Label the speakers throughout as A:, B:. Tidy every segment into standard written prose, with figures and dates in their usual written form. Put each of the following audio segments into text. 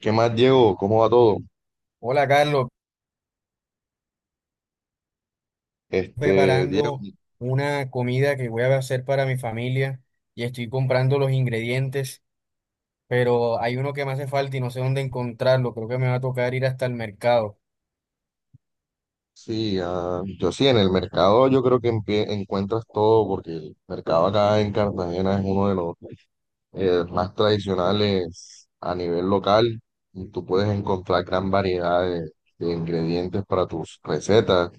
A: ¿Qué más, Diego? ¿Cómo va todo?
B: Hola Carlos,
A: Este, Diego,
B: preparando una comida que voy a hacer para mi familia y estoy comprando los ingredientes, pero hay uno que me hace falta y no sé dónde encontrarlo. Creo que me va a tocar ir hasta el mercado.
A: sí, yo sí, en el mercado yo creo que encuentras todo, porque el mercado acá en Cartagena es uno de los más tradicionales a nivel local. Y tú puedes encontrar gran variedad de ingredientes para tus recetas.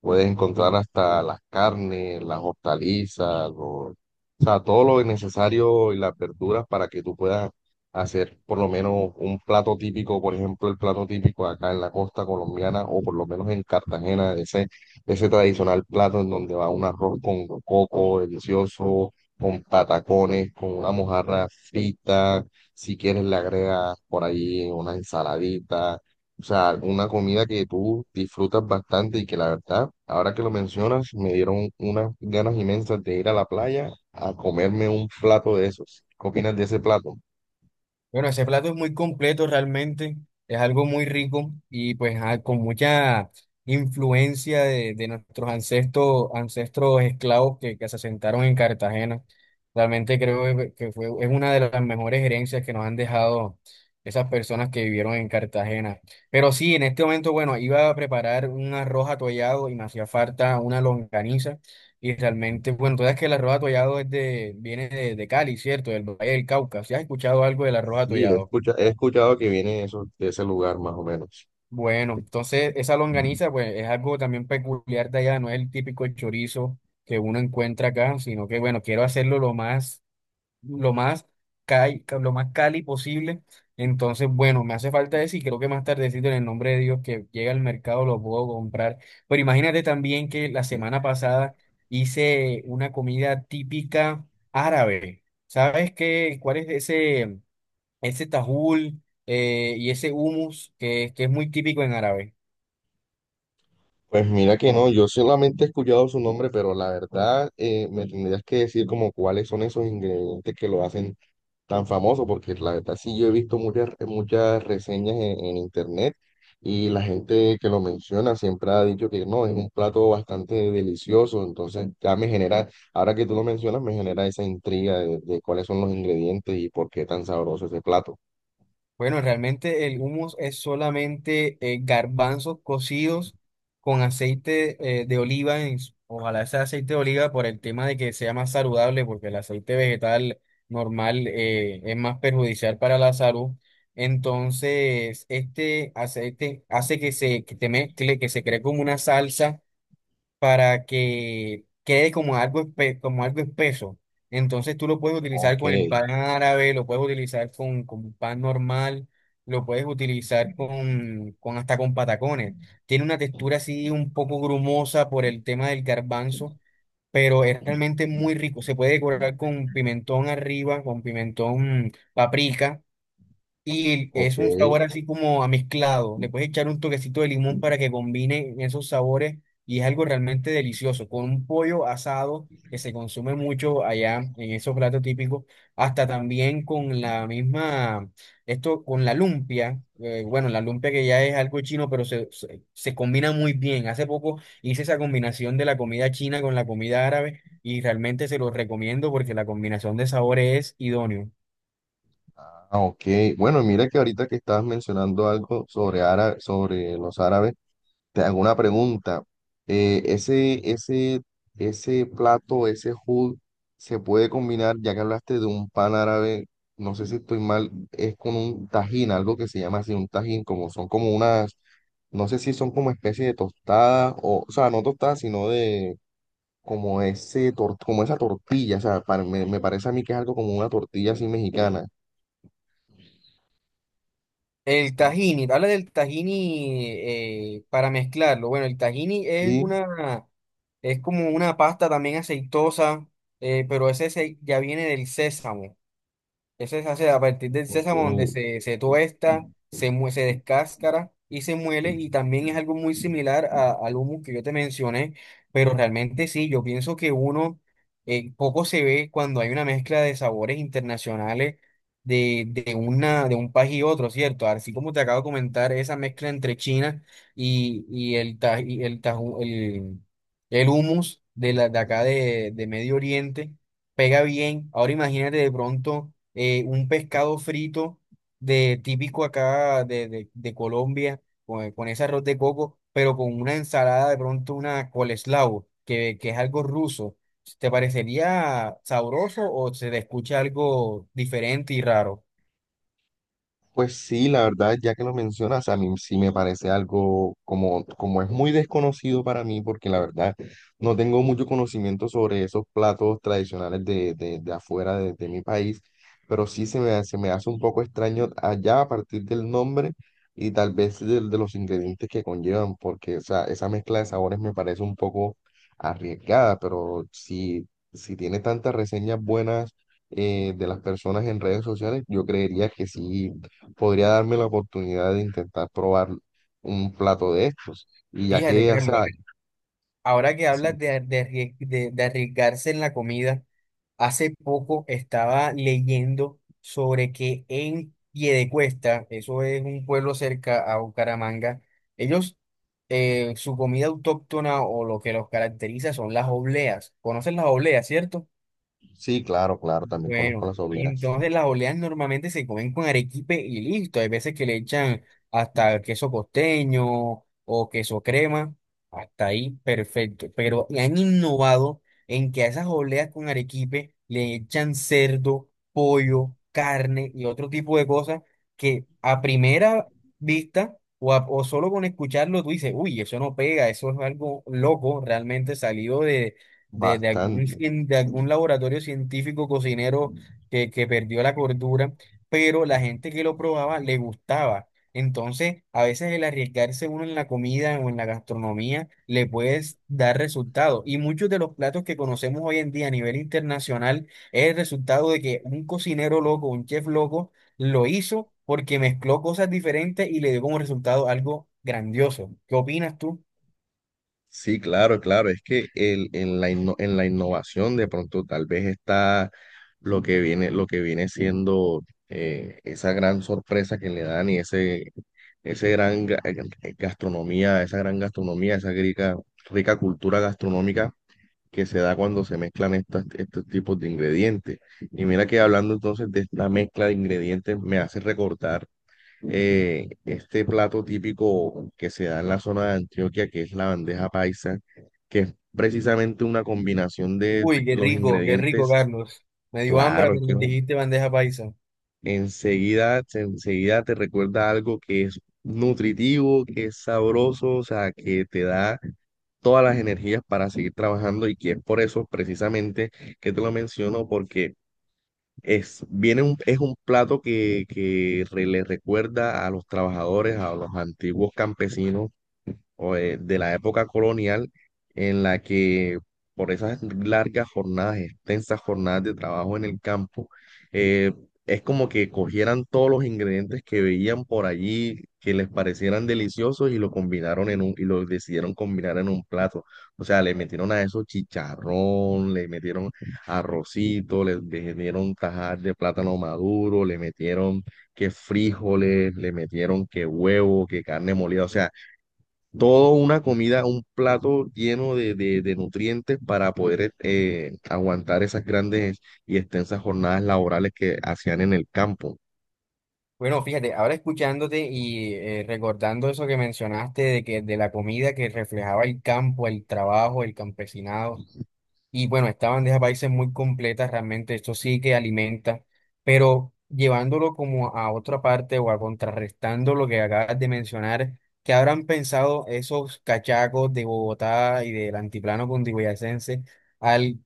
A: Puedes encontrar hasta las carnes, las hortalizas, o sea, todo lo necesario y las verduras para que tú puedas hacer por lo menos un plato típico. Por ejemplo, el plato típico acá en la costa colombiana o por lo menos en Cartagena, ese tradicional plato en donde va un arroz con coco delicioso, con patacones, con una mojarra frita, si quieres le agregas por ahí una ensaladita. O sea, una comida que tú disfrutas bastante y que la verdad, ahora que lo mencionas, me dieron unas ganas inmensas de ir a la playa a comerme un plato de esos. ¿Qué opinas de ese plato?
B: Bueno, ese plato es muy completo realmente, es algo muy rico y pues con mucha influencia de nuestros ancestros, ancestros esclavos que se asentaron en Cartagena. Realmente creo que fue, es una de las mejores herencias que nos han dejado esas personas que vivieron en Cartagena. Pero sí, en este momento, bueno, iba a preparar un arroz atollado y me hacía falta una longaniza. Y realmente, bueno, tú sabes que el arroz atollado es de, viene de Cali, ¿cierto? Del Valle del Cauca. ¿Si has escuchado algo del arroz
A: Sí,
B: atollado?
A: he escuchado que viene eso, de ese lugar más o menos.
B: Bueno, entonces esa longaniza, pues es algo también peculiar de allá, no es el típico chorizo que uno encuentra acá, sino que, bueno, quiero hacerlo lo más lo más cali, lo más cali posible. Entonces, bueno, me hace falta eso y creo que más tardecito en el nombre de Dios que llega al mercado lo puedo comprar. Pero imagínate también que la semana pasada hice una comida típica árabe. ¿Sabes qué? ¿Cuál es ese tajul y ese hummus que es muy típico en árabe?
A: Pues mira que no, yo solamente he escuchado su nombre, pero la verdad me tendrías que decir como cuáles son esos ingredientes que lo hacen tan famoso, porque la verdad sí yo he visto muchas reseñas en internet, y la gente que lo menciona siempre ha dicho que no, es un plato bastante delicioso, entonces ya me genera, ahora que tú lo mencionas, me genera esa intriga de cuáles son los ingredientes y por qué tan sabroso ese plato.
B: Bueno, realmente el hummus es solamente garbanzos cocidos con aceite de oliva. Ojalá sea aceite de oliva por el tema de que sea más saludable, porque el aceite vegetal normal es más perjudicial para la salud. Entonces, este aceite hace que se, que te mezcle, que se cree como una salsa para que quede como algo, como algo espeso. Entonces tú lo puedes utilizar
A: Ok,
B: con el pan árabe, lo puedes utilizar con pan normal, lo puedes utilizar con hasta con patacones. Tiene una textura así un poco grumosa por el tema del garbanzo, pero es realmente muy rico. Se puede decorar con pimentón arriba, con pimentón paprika. Y es
A: ok.
B: un sabor así como amezclado. Le puedes echar un toquecito de limón para que combine esos sabores y es algo realmente delicioso. Con un pollo asado que se consume mucho allá en esos platos típicos, hasta también con la misma, esto con la lumpia. Bueno, la lumpia que ya es algo chino, pero se combina muy bien. Hace poco hice esa combinación de la comida china con la comida árabe y realmente se lo recomiendo porque la combinación de sabores es idóneo.
A: Ah, ok. Bueno, mira que ahorita que estabas mencionando algo sobre, sobre los árabes. Te hago una pregunta. Ese ese, plato, ese hood, se puede combinar, ya que hablaste de un pan árabe, no sé si estoy mal, es con un tajín, algo que se llama así, un tajín, como son como unas, no sé si son como especie de tostadas, o sea, no tostadas, sino de como como esa tortilla. O sea, me parece a mí que es algo como una tortilla así mexicana.
B: El tahini, habla del tahini para mezclarlo. Bueno, el tahini es
A: Sí,
B: una, es como una pasta también aceitosa, pero ya viene del sésamo. Ese se hace a partir del sésamo donde
A: ok.
B: se tuesta, se descáscara y se muele y también es algo muy similar al humus que yo te mencioné, pero realmente sí, yo pienso que uno poco se ve cuando hay una mezcla de sabores internacionales de un país y otro, ¿cierto? Así como te acabo de comentar, esa mezcla entre China y el, ta- y el, taju- el humus de acá de Medio Oriente pega bien. Ahora imagínate de pronto un pescado frito de típico acá de Colombia, con ese arroz de coco, pero con una ensalada de pronto, una coleslaw, que es algo ruso. ¿Te parecería sabroso o se te escucha algo diferente y raro?
A: Pues sí, la verdad, ya que lo mencionas, a mí sí me parece algo como, como es muy desconocido para mí, porque la verdad no tengo mucho conocimiento sobre esos platos tradicionales de afuera de mi país, pero sí se me hace un poco extraño allá a partir del nombre y tal vez de los ingredientes que conllevan, porque o sea, esa mezcla de sabores me parece un poco arriesgada. Pero si, si tiene tantas reseñas buenas de las personas en redes sociales, yo creería que sí podría darme la oportunidad de intentar probar un plato de estos. Y ya
B: Fíjate,
A: que, o
B: Carlos.
A: sea,
B: Ahora que
A: sí,
B: hablas de arriesgarse en la comida, hace poco estaba leyendo sobre que en Piedecuesta, eso es un pueblo cerca a Bucaramanga, ellos, su comida autóctona o lo que los caracteriza son las obleas. ¿Conocen las obleas, cierto?
A: sí, claro, claro, también conozco
B: Bueno,
A: las obleas
B: entonces las oleas normalmente se comen con arequipe y listo. Hay veces que le echan hasta queso costeño o queso crema. Hasta ahí, perfecto. Pero han innovado en que a esas oleas con arequipe le echan cerdo, pollo, carne y otro tipo de cosas que a primera vista o solo con escucharlo tú dices, uy, eso no pega, eso es algo loco, realmente salido de
A: bastante.
B: de algún laboratorio científico cocinero que perdió la cordura, pero la gente que lo probaba le gustaba. Entonces, a veces el arriesgarse uno en la comida o en la gastronomía le puede dar resultados. Y muchos de los platos que conocemos hoy en día a nivel internacional es el resultado de que un cocinero loco, un chef loco, lo hizo porque mezcló cosas diferentes y le dio como resultado algo grandioso. ¿Qué opinas tú?
A: Sí, claro, claro, es que el, en la en la innovación de pronto tal vez está lo que viene siendo esa gran sorpresa que le dan y ese gran gastronomía, esa gran gastronomía, esa rica cultura gastronómica que se da cuando se mezclan estos tipos de ingredientes. Y mira que hablando entonces de esta mezcla de ingredientes, me hace recordar este plato típico que se da en la zona de Antioquia, que es la bandeja paisa, que es precisamente una combinación de
B: Uy,
A: los
B: qué rico,
A: ingredientes.
B: Carlos. Me dio hambre
A: Claro, es que
B: cuando dijiste bandeja paisa.
A: enseguida, enseguida te recuerda algo que es nutritivo, que es sabroso, o sea, que te da todas las energías para seguir trabajando, y que es por eso precisamente que te lo menciono porque es, viene un, es un plato que, le recuerda a los trabajadores, a los antiguos campesinos o, de la época colonial en la que por esas largas jornadas, extensas jornadas de trabajo en el campo, eh, es como que cogieran todos los ingredientes que veían por allí, que les parecieran deliciosos y lo combinaron en un, y lo decidieron combinar en un plato. O sea, le metieron a eso chicharrón, le metieron arrocito, le metieron tajar de plátano maduro, le metieron que frijoles, le metieron que huevo, que carne molida. O sea, todo una comida, un plato lleno de nutrientes para poder aguantar esas grandes y extensas jornadas laborales que hacían en el campo.
B: Bueno, fíjate, ahora escuchándote y recordando eso que mencionaste de que de la comida que reflejaba el campo, el trabajo, el campesinado. Y bueno, esta bandeja paisa es muy completa, realmente esto sí que alimenta, pero llevándolo como a otra parte o a contrarrestando lo que acabas de mencionar, ¿qué habrán pensado esos cachacos de Bogotá y del antiplano cundiboyacense al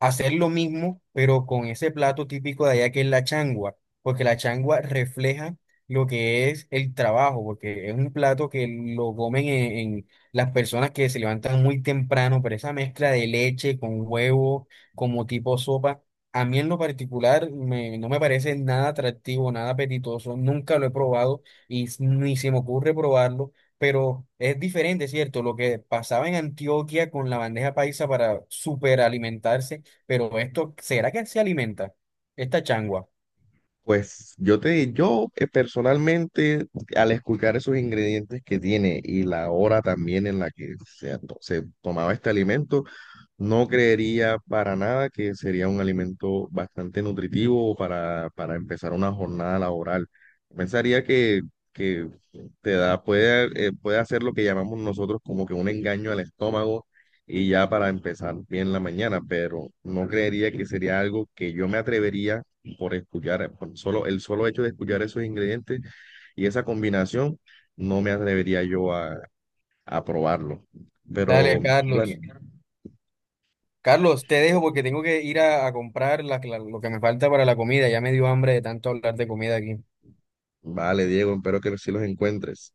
B: hacer lo mismo, pero con ese plato típico de allá que es la changua? Porque la changua refleja lo que es el trabajo, porque es un plato que lo comen las personas que se levantan muy temprano, pero esa mezcla de leche con huevo como tipo sopa, a mí en lo particular no me parece nada atractivo, nada apetitoso, nunca lo he probado ni se me ocurre probarlo, pero es diferente, ¿cierto? Lo que pasaba en Antioquia con la bandeja paisa para superalimentarse, pero esto, ¿será que se alimenta? Esta changua.
A: Pues yo te, yo personalmente, al escuchar esos ingredientes que tiene y la hora también en la que se tomaba este alimento, no creería para nada que sería un alimento bastante nutritivo para empezar una jornada laboral. Pensaría que te da, puede, puede hacer lo que llamamos nosotros como que un engaño al estómago y ya para empezar bien la mañana, pero no creería que sería algo que yo me atrevería por escuchar, por solo, el solo hecho de escuchar esos ingredientes y esa combinación, no me atrevería yo a probarlo. Pero
B: Dale,
A: bueno.
B: Carlos. Carlos, te dejo porque tengo que ir a comprar lo que me falta para la comida. Ya me dio hambre de tanto hablar de comida aquí.
A: Vale, Diego, espero que sí los encuentres.